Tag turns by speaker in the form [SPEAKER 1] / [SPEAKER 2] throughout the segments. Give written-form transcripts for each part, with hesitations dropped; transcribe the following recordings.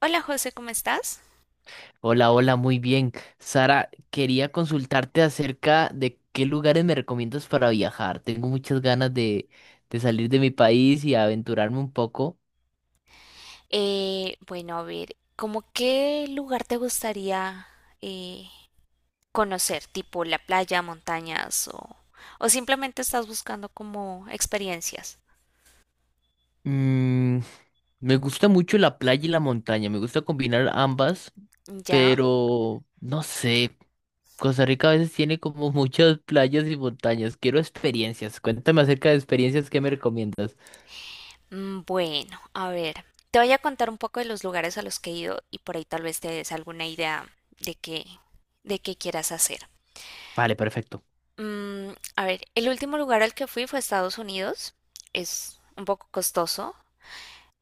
[SPEAKER 1] Hola José, ¿cómo estás?
[SPEAKER 2] Hola, hola, muy bien. Sara, quería consultarte acerca de qué lugares me recomiendas para viajar. Tengo muchas ganas de salir de mi país y aventurarme un poco.
[SPEAKER 1] Bueno, a ver, ¿cómo qué lugar te gustaría eh, conocer? ¿Tipo la playa, montañas o simplemente estás buscando como experiencias?
[SPEAKER 2] Mm, me gusta mucho la playa y la montaña, me gusta combinar ambas,
[SPEAKER 1] ¿Ya?
[SPEAKER 2] pero no sé, Costa Rica a veces tiene como muchas playas y montañas. Quiero experiencias. Cuéntame acerca de experiencias que me recomiendas.
[SPEAKER 1] Mm, bueno, a ver, te voy a contar un poco de los lugares a los que he ido y por ahí tal vez te des alguna idea de qué, de qué quieras hacer.
[SPEAKER 2] Vale, perfecto.
[SPEAKER 1] Mm, a ver, el último lugar al que fui fue a Estados Unidos. Es un poco costoso,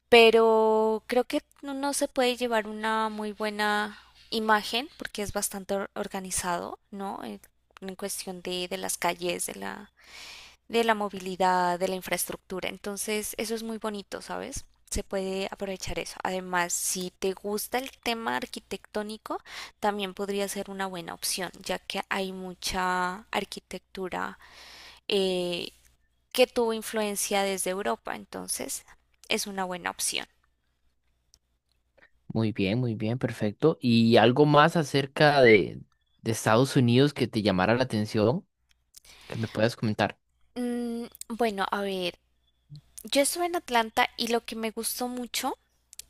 [SPEAKER 1] pero creo que no se puede llevar una muy buena imagen porque es bastante organizado, ¿no? En cuestión de las calles, de la movilidad, de la infraestructura. Entonces, eso es muy bonito, ¿sabes? Se puede aprovechar eso. Además, si te gusta el tema arquitectónico, también podría ser una buena opción, ya que hay mucha arquitectura eh, que tuvo influencia desde Europa. Entonces, es una buena opción.
[SPEAKER 2] Muy bien, perfecto. ¿Y algo más acerca de Estados Unidos que te llamara la atención, que me puedas comentar?
[SPEAKER 1] Mm, bueno, a ver, yo estuve en Atlanta y lo que me gustó mucho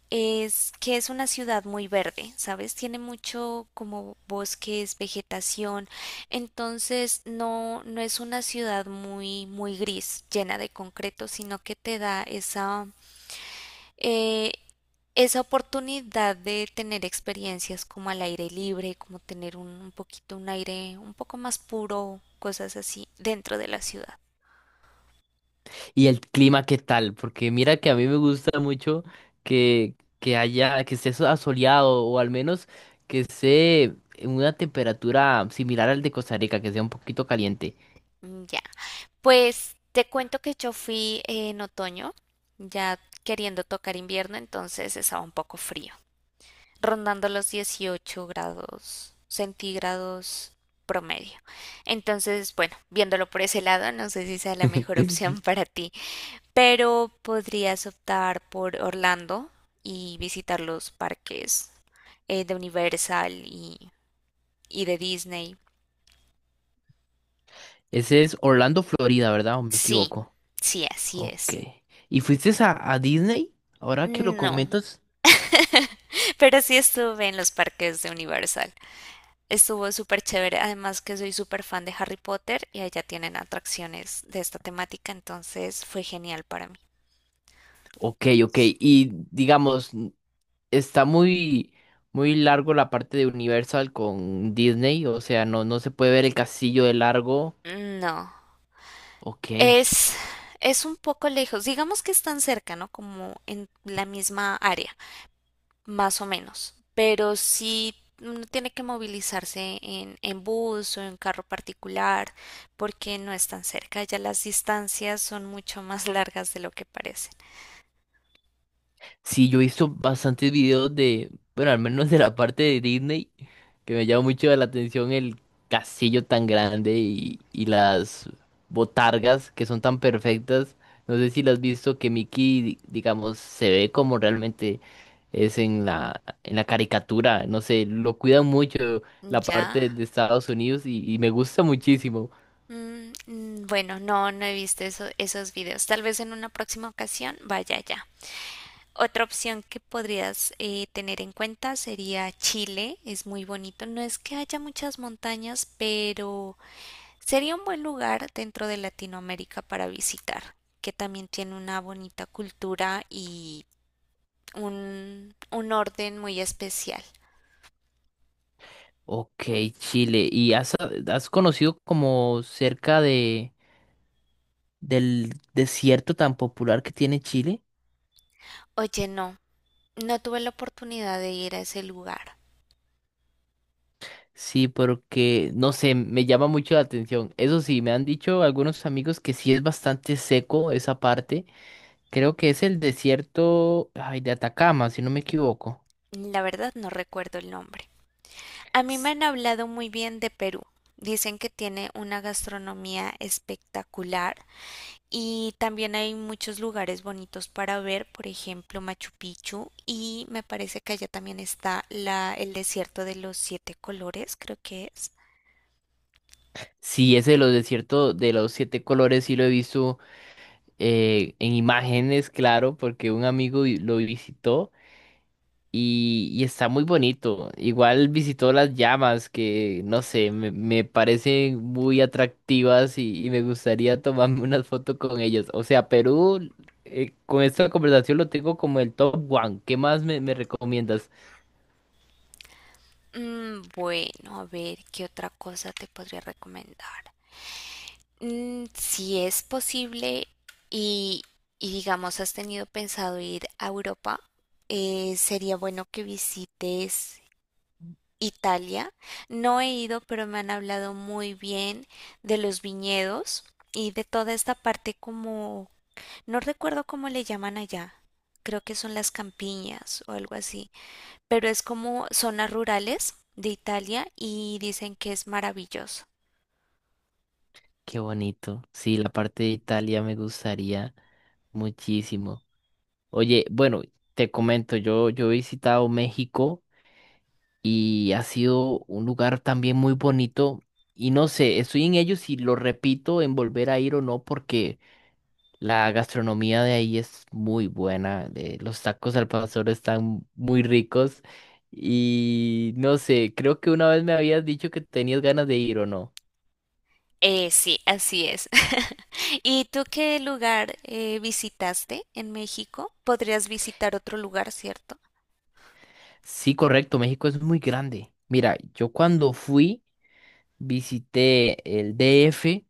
[SPEAKER 1] es que es una ciudad muy verde, ¿sabes? Tiene mucho como bosques, vegetación, entonces no es una ciudad muy gris, llena de concreto, sino que te da esa, eh, esa oportunidad de tener experiencias como al aire libre, como tener un poquito un aire un poco más puro, cosas así, dentro de la ciudad.
[SPEAKER 2] ¿Y el clima qué tal? Porque mira que a mí me gusta mucho que haya, que esté asoleado o al menos que esté en una temperatura similar al de Costa Rica, que sea un poquito caliente.
[SPEAKER 1] Mm, ya. Pues te cuento que yo fui en otoño, ya queriendo tocar invierno, entonces estaba un poco frío, rondando los 18 grados centígrados promedio. Entonces, bueno, viéndolo por ese lado, no sé si sea la mejor opción para ti, pero podrías optar por Orlando y visitar los parques de Universal y de Disney.
[SPEAKER 2] Ese es Orlando, Florida, ¿verdad? ¿O me
[SPEAKER 1] Sí,
[SPEAKER 2] equivoco?
[SPEAKER 1] sí, así
[SPEAKER 2] Ok.
[SPEAKER 1] es.
[SPEAKER 2] ¿Y fuiste a Disney? Ahora que lo
[SPEAKER 1] No,
[SPEAKER 2] comentas.
[SPEAKER 1] pero sí estuve en los parques de Universal. Estuvo súper chévere. Además que soy súper fan de Harry Potter y allá tienen atracciones de esta temática, entonces fue genial para mí.
[SPEAKER 2] Ok, ok. Y digamos está muy, muy largo la parte de Universal con Disney, o sea, no, no se puede ver el castillo de largo.
[SPEAKER 1] Mm, no,
[SPEAKER 2] Ok.
[SPEAKER 1] es, es un poco lejos. Digamos que están cerca, ¿no? Como en la misma área, más o menos. Pero sí uno tiene que movilizarse en bus o en carro particular porque no es tan cerca. Ya las distancias son mucho más largas de lo que parecen.
[SPEAKER 2] Sí, yo he visto bastantes videos de, bueno, al menos de la parte de Disney, que me llama mucho la atención el castillo tan grande y las botargas que son tan perfectas. No sé si las has visto que Mickey, digamos, se ve como realmente es en la caricatura, no sé, lo cuidan mucho la
[SPEAKER 1] Ya.
[SPEAKER 2] parte de Estados Unidos y me gusta muchísimo.
[SPEAKER 1] Mm, mm, bueno, no he visto esos videos. Tal vez en una próxima ocasión vaya allá. Otra opción que podrías tener en cuenta sería Chile. Es muy bonito. No es que haya muchas montañas, pero sería un buen lugar dentro de Latinoamérica para visitar, que también tiene una bonita cultura y un orden muy especial.
[SPEAKER 2] Ok, Chile, ¿y has, has conocido como cerca de, del desierto tan popular que tiene Chile?
[SPEAKER 1] Oye, no, no tuve la oportunidad de ir a ese lugar.
[SPEAKER 2] Sí, porque, no sé, me llama mucho la atención. Eso sí, me han dicho algunos amigos que sí es bastante seco esa parte. Creo que es el desierto, ay, de Atacama, si no me equivoco.
[SPEAKER 1] La verdad no recuerdo el nombre. A mí me han hablado muy bien de Perú. Dicen que tiene una gastronomía espectacular y también hay muchos lugares bonitos para ver, por ejemplo, Machu Picchu y me parece que allá también está el desierto de los siete colores, creo que es.
[SPEAKER 2] Sí, ese de los desiertos de los siete colores sí lo he visto en imágenes, claro, porque un amigo lo visitó y está muy bonito. Igual visitó las llamas que, no sé, me parecen muy atractivas y me gustaría tomarme una foto con ellas. O sea, Perú, con esta conversación lo tengo como el top one. ¿Qué más me recomiendas?
[SPEAKER 1] Mm, bueno, a ver, ¿qué otra cosa te podría recomendar? Mm, si es posible y, y digamos has tenido pensado ir a Europa, sería bueno que visites Italia. No he ido, pero me han hablado muy bien de los viñedos y de toda esta parte como, no recuerdo cómo le llaman allá. Creo que son las campiñas o algo así, pero es como zonas rurales de Italia y dicen que es maravilloso.
[SPEAKER 2] Qué bonito. Sí, la parte de Italia me gustaría muchísimo. Oye, bueno, te comento, yo he visitado México y ha sido un lugar también muy bonito y no sé, estoy en ello si lo repito en volver a ir o no porque la gastronomía de ahí es muy buena, los tacos al pastor están muy ricos y no sé, creo que una vez me habías dicho que tenías ganas de ir o no.
[SPEAKER 1] Sí, así es. ¿Y tú qué lugar visitaste en México? Podrías visitar otro lugar, ¿cierto?
[SPEAKER 2] Sí, correcto, México es muy grande. Mira, yo cuando fui visité el D. F.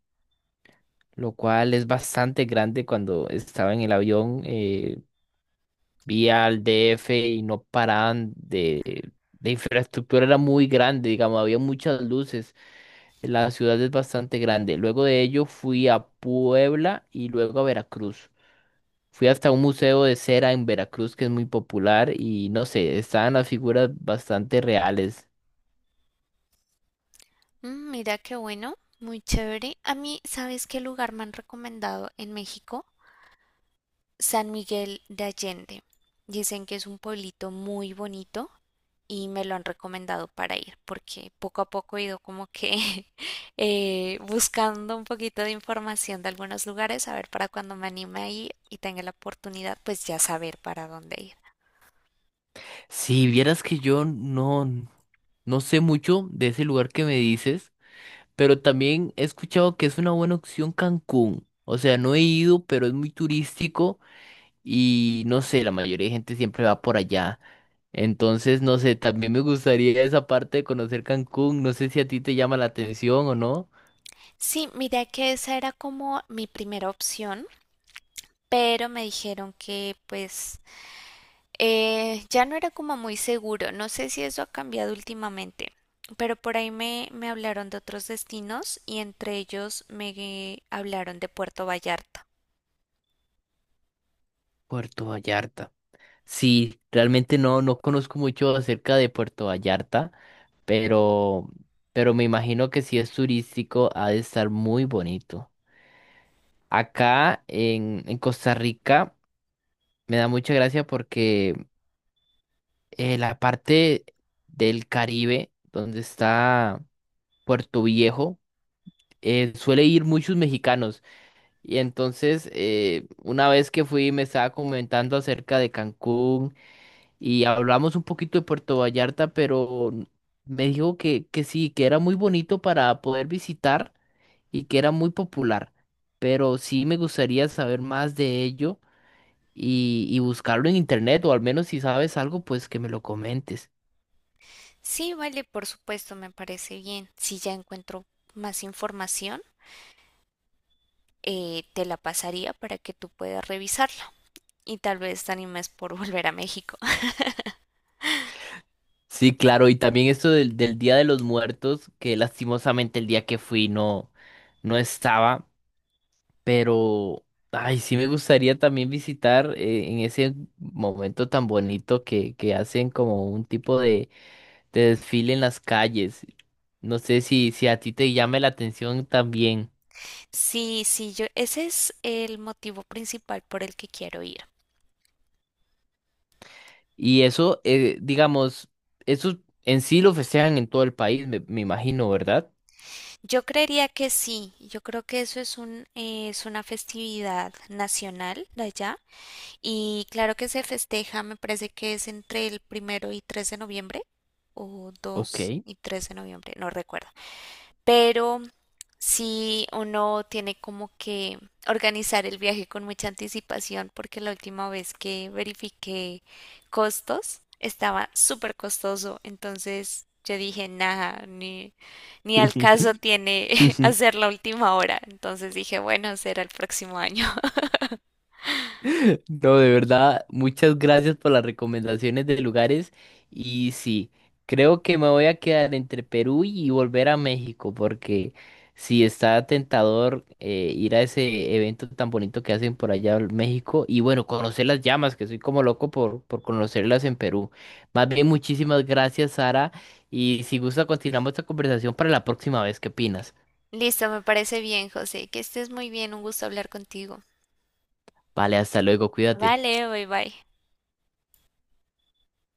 [SPEAKER 2] lo cual es bastante grande. Cuando estaba en el avión, vi al DF y no paraban de... La infraestructura era muy grande, digamos, había muchas luces. La ciudad es bastante grande. Luego de ello fui a Puebla y luego a Veracruz. Fui hasta un museo de cera en Veracruz que es muy popular y no sé, estaban las figuras bastante reales.
[SPEAKER 1] Mm, mira qué bueno, muy chévere. A mí, ¿sabes qué lugar me han recomendado en México? San Miguel de Allende. Dicen que es un pueblito muy bonito y me lo han recomendado para ir porque poco a poco he ido como que buscando un poquito de información de algunos lugares, a ver para cuando me anime a ir y tenga la oportunidad, pues ya saber para dónde ir.
[SPEAKER 2] Si vieras que yo no, no sé mucho de ese lugar que me dices. Pero también he escuchado que es una buena opción Cancún. O sea, no he ido, pero es muy turístico y no sé, la mayoría de gente siempre va por allá. Entonces, no sé, también me gustaría esa parte de conocer Cancún. No sé si a ti te llama la atención o no.
[SPEAKER 1] Sí, mira que esa era como mi primera opción, pero me dijeron que pues eh, ya no era como muy seguro, no sé si eso ha cambiado últimamente, pero por ahí me hablaron de otros destinos y entre ellos me hablaron de Puerto Vallarta.
[SPEAKER 2] Puerto Vallarta. Sí, realmente no conozco mucho acerca de Puerto Vallarta, pero, pero me imagino que si es turístico ha de estar muy bonito. Acá en Costa Rica me da mucha gracia porque la parte del Caribe, donde está Puerto Viejo, suele ir muchos mexicanos. Y entonces, una vez que fui, me estaba comentando acerca de Cancún y hablamos un poquito de Puerto Vallarta, pero me dijo que sí, que era muy bonito para poder visitar y que era muy popular. Pero sí me gustaría saber más de ello y buscarlo en internet, o al menos si sabes algo, pues que me lo comentes.
[SPEAKER 1] Sí, vale, por supuesto, me parece bien. Si ya encuentro más información, te la pasaría para que tú puedas revisarla y tal vez te animes por volver a México.
[SPEAKER 2] Sí, claro, y también esto del Día de los Muertos, que lastimosamente el día que fui no, no estaba, pero ay, sí me gustaría también visitar en ese momento tan bonito que hacen como un tipo de desfile en las calles. No sé si, si a ti te llame la atención también.
[SPEAKER 1] Sí, sí, yo, ese es el motivo principal por el que quiero ir.
[SPEAKER 2] Y eso, digamos, eso en sí lo festejan en todo el país, me imagino, ¿verdad?
[SPEAKER 1] Yo creería que sí, yo creo que eso es es una festividad nacional de allá y claro que se festeja, me parece que es entre el 1 y 3 de noviembre o dos
[SPEAKER 2] Ok.
[SPEAKER 1] y tres de noviembre, no recuerdo, pero sí uno tiene como que organizar el viaje con mucha anticipación porque la última vez que verifiqué costos estaba súper costoso, entonces yo dije, nada, ni al caso tiene hacer la última hora, entonces dije, bueno, será el próximo año.
[SPEAKER 2] No, de verdad, muchas gracias por las recomendaciones de lugares. Y sí, creo que me voy a quedar entre Perú y volver a México, porque sí está tentador ir a ese evento tan bonito que hacen por allá en México. Y bueno, conocer las llamas, que soy como loco por conocerlas en Perú. Más bien, muchísimas gracias, Sara. Y si gusta, continuamos esta conversación para la próxima vez. ¿Qué opinas?
[SPEAKER 1] Listo, me parece bien, José, que estés muy bien, un gusto hablar contigo.
[SPEAKER 2] Vale, hasta luego, cuídate.
[SPEAKER 1] Vale, bye bye.